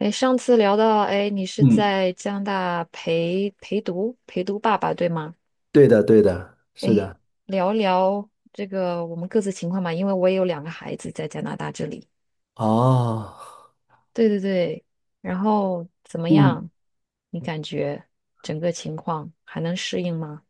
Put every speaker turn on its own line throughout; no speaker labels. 哎，上次聊到，哎，你是
嗯，
在加拿大陪读爸爸，对吗？
对的，对的，是
哎，
的。
聊聊这个我们各自情况吧，因为我也有2个孩子在加拿大这里。
哦，
对对对，然后怎么
嗯，
样？你感觉整个情况还能适应吗？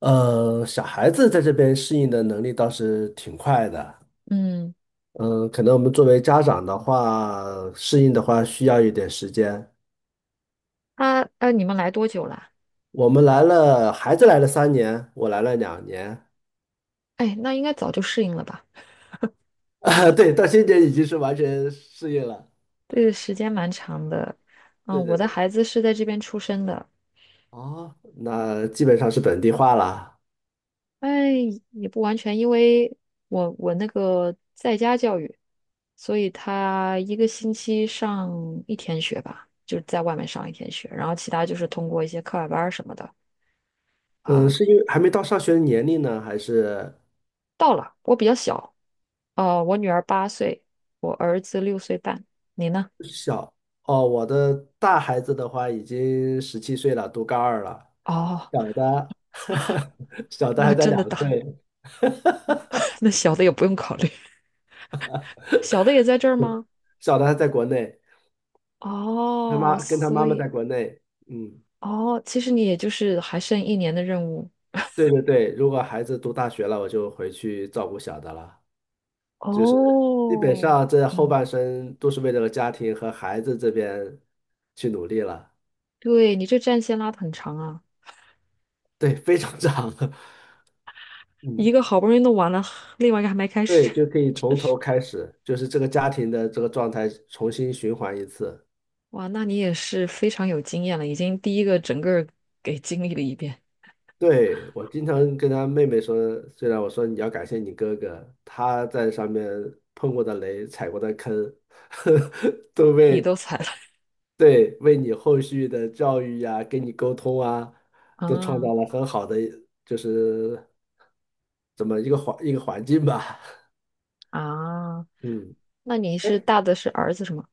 小孩子在这边适应的能力倒是挺快的。
嗯，
嗯，可能我们作为家长的话，适应的话需要一点时间。
啊啊，你们来多久啦？
我们来了，孩子来了3年，我来了两年。
哎，那应该早就适应了吧？
啊，对，到今年已经是完全适应了。
对，时间蛮长的。
对
嗯，我
对
的
对。
孩子是在这边出生的，
哦，那基本上是本地化了。
哎，也不完全，因为我那个在家教育，所以他一个星期上一天学吧，就是在外面上一天学，然后其他就是通过一些课外班儿什么的
嗯，
啊、
是因为还没到上学的年龄呢，还是？
到了，我比较小，我女儿8岁，我儿子6岁半，你呢？
小哦，我的大孩子的话已经17岁了，读高二了。
哦，
小的，小 的还
那
在
真
两
的大，
岁，
那小的也不用考虑，小的也在这儿
对
吗？
小的还在国内，
哦，
他
所
妈妈在
以
国内。嗯，
哦，其实你也就是还剩一年的任务
对对对，如果孩子读大学了，我就回去照顾小的了。就是基本
哦。
上这后
嗯。
半生都是为这个家庭和孩子这边去努力了。
对，你这战线拉的很长啊，
对，非常长。
一
嗯，
个好不容易弄完了，另外一个还没开始。
对，就可以从头开始，就是这个家庭的这个状态重新循环一次。
哇，那你也是非常有经验了，已经第一个整个儿给经历了一遍，
对，我经常跟他妹妹说，虽然我说你要感谢你哥哥，他在上面碰过的雷、踩过的坑，都
你都
为
踩了
对为你后续的教育呀、跟你沟通啊，都创
啊
造了很好的就是怎么一个环境吧。
啊！
嗯，
那你是
哎
大的是儿子是吗？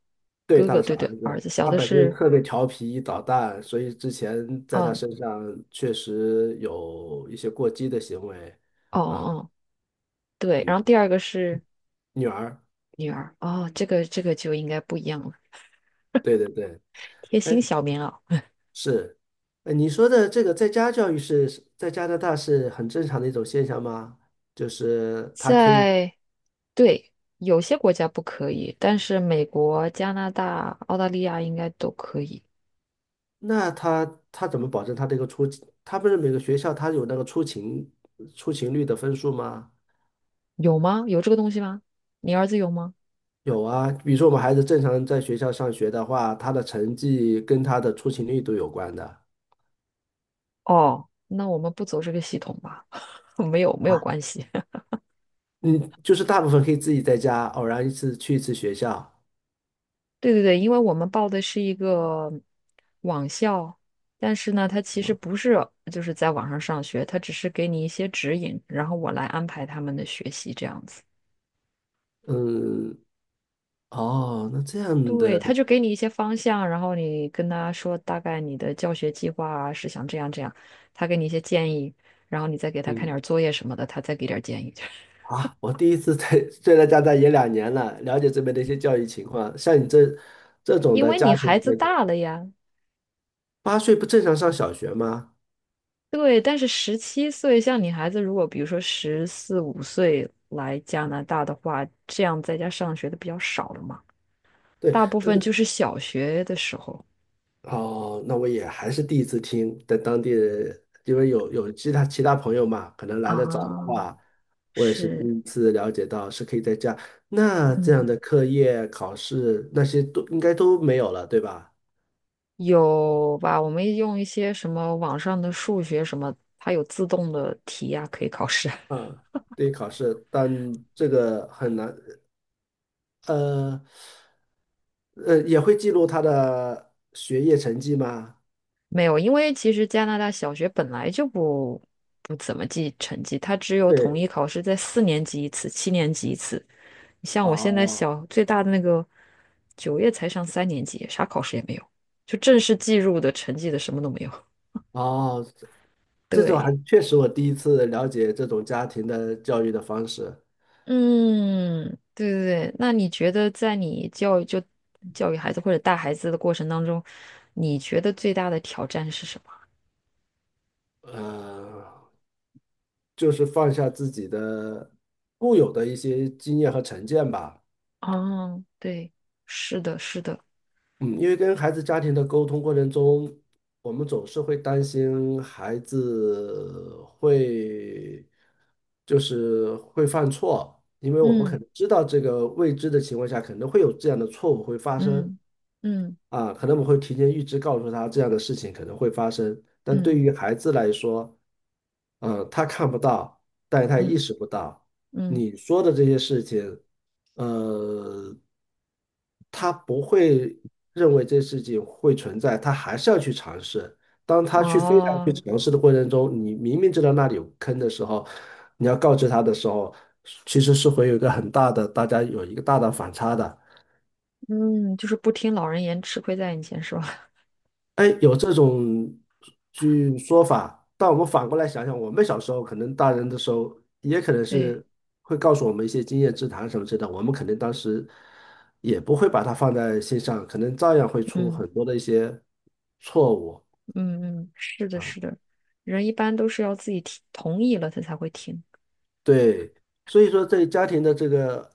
对，
哥
他
哥，
的是
对对，
儿
儿
子，
子，小
他
的
本身又
是，
特别调皮捣蛋，所以之前在他
嗯，
身上确实有一些过激的行为
哦哦
啊。
哦，对，然
嗯，
后第二个是
女儿。
女儿，哦，这个就应该不一样了，
对对对，
贴心
哎，
小棉袄，
是，哎，你说的这个在家教育是在加拿大是很正常的一种现象吗？就是他可以，
在。对，有些国家不可以，但是美国、加拿大、澳大利亚应该都可以。
那他怎么保证他这个出勤，他不是每个学校他有那个出勤率的分数吗？
有吗？有这个东西吗？你儿子有吗？
有啊，比如说我们孩子正常在学校上学的话，他的成绩跟他的出勤率都有关的。
哦，那我们不走这个系统吧，没有没有
啊。
关系。
嗯，就是大部分可以自己在家，偶然一次去一次学校。
对对对，因为我们报的是一个网校，但是呢，他其实不是就是在网上上学，他只是给你一些指引，然后我来安排他们的学习这样子。
嗯，哦，那这样
对，他
的，
就给你一些方向，然后你跟他说大概你的教学计划啊是想这样这样，他给你一些建议，然后你再给他看点儿
嗯，
作业什么的，他再给点儿建议。
啊，我第一次在，虽然加拿大也两年了，了解这边的一些教育情况。像你这这种
因
的
为
家
你
庭，
孩子
那个
大了呀，
8岁不正常上小学吗？
对，但是十七岁，像你孩子如果比如说十四五岁来加拿大的话，这样在家上学的比较少了嘛，
对，
大部
但
分就
是
是小学的时候
哦，那我也还是第一次听，在当地人因为有其他朋友嘛，可能来的早的
啊、
话，我也是第
是，
一次了解到是可以在家。那这样
嗯。
的课业、考试那些都应该都没有了，对吧？
有吧？我们用一些什么网上的数学什么，它有自动的题呀、可以考试啊。
啊，对，考试，但这个很难。呃呃，也会记录他的学业成绩吗？
没有，因为其实加拿大小学本来就不怎么记成绩，它只有统
对，
一考试在4年级一次，7年级一次。你像我现在
哦
小最大的那个，9月才上3年级，啥考试也没有，就正式计入的成绩的什么都没有。
哦，这种还
对。
确实我第一次了解这种家庭的教育的方式，
嗯，对对对，那你觉得在你教育就教育孩子或者带孩子的过程当中，你觉得最大的挑战是什么？
呃，就是放下自己的固有的一些经验和成见吧。
哦，对，是的，是的，
嗯，因为跟孩子家庭的沟通过程中，我们总是会担心孩子会会犯错，因为我们
嗯
可能知道这个未知的情况下，可能会有这样的错误会发生。
嗯嗯
啊，可能我们会提前预知告诉他这样的事情可能会发生，但对
嗯
于孩子来说，嗯，他看不到，但是他也意
嗯
识不到
嗯，
你说的这些事情，呃，他不会认为这事情会存在，他还是要去尝试。当他去非常去
哦，
尝试的过程中，你明明知道那里有坑的时候，你要告知他的时候，其实是会有一个很大的，大家有一个大的反差的。
嗯，就是不听老人言，吃亏在眼前，是吧？
哎，有这种说法，但我们反过来想想，我们小时候可能大人的时候，也可能
对，
是会告诉我们一些经验之谈什么之类的，我们可能当时也不会把它放在心上，可能照样会出
嗯
很多的一些错误。
嗯嗯，是的，是
啊。
的，人一般都是要自己听同意了，他才会听。
对，所以说在家庭的这个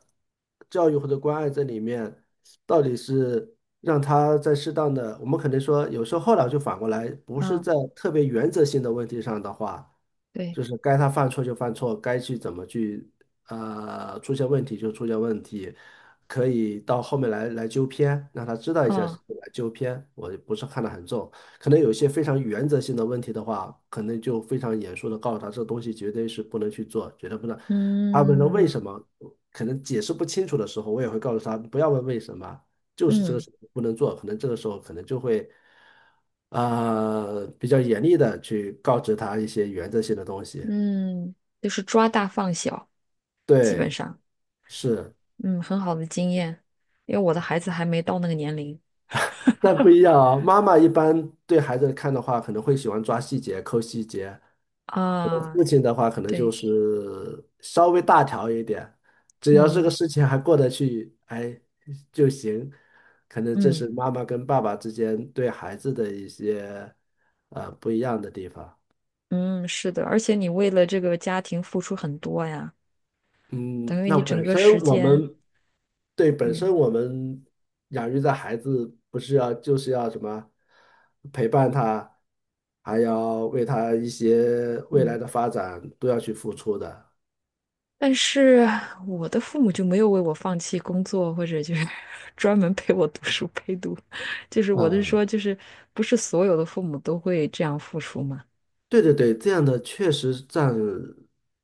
教育或者关爱这里面，到底是让他在适当的，我们可能说，有时候后来就反过来，不是
啊，
在特别原则性的问题上的话，
对，
就是该他犯错就犯错，该去怎么去出现问题就出现问题，可以到后面来纠偏，让他知道一下是
啊，
来纠偏，我不是看得很重。可能有一些非常原则性的问题的话，可能就非常严肃的告诉他，这东西绝对是不能去做，绝对不能。他问他为
嗯
什么，可能解释不清楚的时候，我也会告诉他，不要问为什么，就是这个
嗯。
事情不能做。可能这个时候可能就会，呃，比较严厉的去告知他一些原则性的东西。
嗯，就是抓大放小，基本
对，
上，
是，
嗯，很好的经验，因为我的孩子还没到那个年龄
但不一样啊。妈妈一般对孩子看的话，可能会喜欢抓细节、抠细节。
啊，
父亲的话，可能就
对，
是稍微大条一点，只要这个
嗯
事情还过得去，哎就行。可能这
嗯
是妈妈跟爸爸之间对孩子的一些不一样的地方。
嗯，是的，而且你为了这个家庭付出很多呀，
嗯，
等于
那
你整
本
个
身
时
我
间，
们对本身
嗯
我们养育的孩子，不是要什么陪伴他，还要为他一些未
嗯，
来的发展都要去付出的。
但是我的父母就没有为我放弃工作，或者就是 专门陪我读书陪读，就是我的
嗯，
说，就是不是所有的父母都会这样付出嘛？
对对对，这样的确实占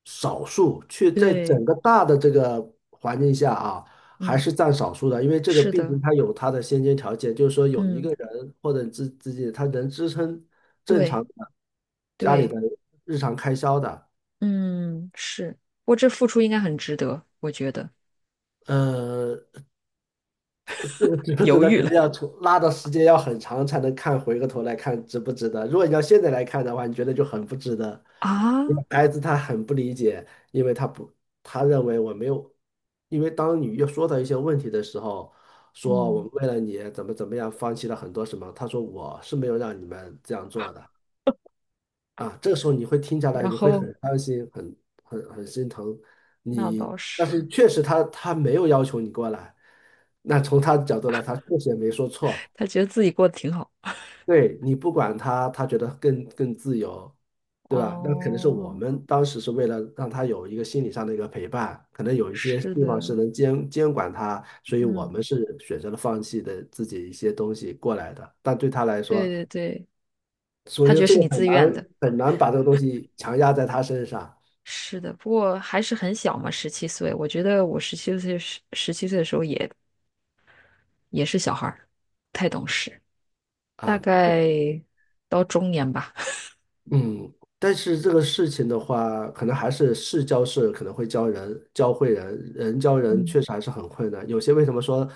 少数，却在
对，
整个大的这个环境下啊，还
嗯，
是占少数的，因为这个
是
毕
的，
竟它有它的先决条件，就是说有一
嗯。
个人或者自己他能支撑正
对，
常的家里的
对，
日常开销的，
嗯，是，我这付出应该很值得，我觉得。
呃，这个值不值
犹
得，
豫
肯
了
定要出拉的时间要很长才能看，回过头来看值不值得。如果你要现在来看的话，你觉得就很不值得。
啊，
因为孩子他很不理解，因为他不，他认为我没有，因为当你又说到一些问题的时候，说我
嗯，
们为了你怎么怎么样，放弃了很多什么，他说我是没有让你们这样做的。啊，这个时候你会听下来，
然
你会
后
很伤心，很很心疼
那
你
倒
但
是，
是确实他没有要求你过来，那从他的角度来，他确实也没说错。
他觉得自己过得挺好。
对你不管他，他觉得更自由，对吧？那可能是我
哦，
们当时是为了让他有一个心理上的一个陪伴，可能有一些
是
地方是
的，
能监管他，所以我
嗯，
们是选择了放弃的自己一些东西过来的。但对他来
对
说，
对对，
所以
他觉
说
得
这
是
个
你
很
自愿的，
难很难把这个东西强压在他身上。
是的。不过还是很小嘛，十七岁，我觉得我十七岁的时候也是小孩儿，不太懂事，大
啊，
概到中年吧。
嗯，但是这个事情的话，可能还是事教事，可能会教人，教会人，人教 人
嗯
确实还是很困难。有些为什么说，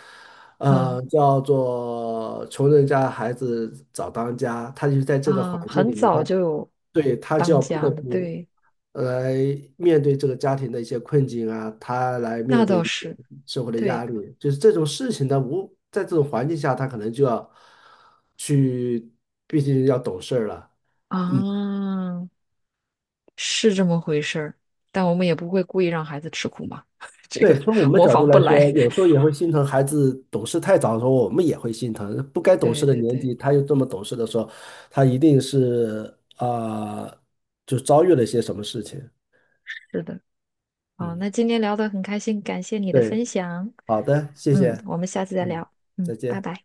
嗯。
呃，叫做穷人家孩子早当家，他就是在这个环
啊，
境
很
里面，
早就有
他就
当
要不
家
得
了，
不
对，
来面对这个家庭的一些困境啊，他来
那
面
倒
对
是，
社会的压
对
力，就是这种事情他无，在这种环境下，他可能就要去，毕竟要懂事儿了。
啊，是这么回事儿。但我们也不会故意让孩子吃苦嘛，这
对，
个
从我们的
模
角
仿
度来
不来。
说，有时候也会心疼孩子懂事太早的时候，我们也会心疼。不该 懂
对
事的
对
年
对，
纪，他又这么懂事的时候，他一定是啊、呃就遭遇了一些什么事情。
是的。啊，
嗯，
那今天聊得很开心，感谢你的分
对，
享。
好的，谢
嗯，
谢，
我们下次再
嗯，
聊。嗯，
再
拜
见。
拜。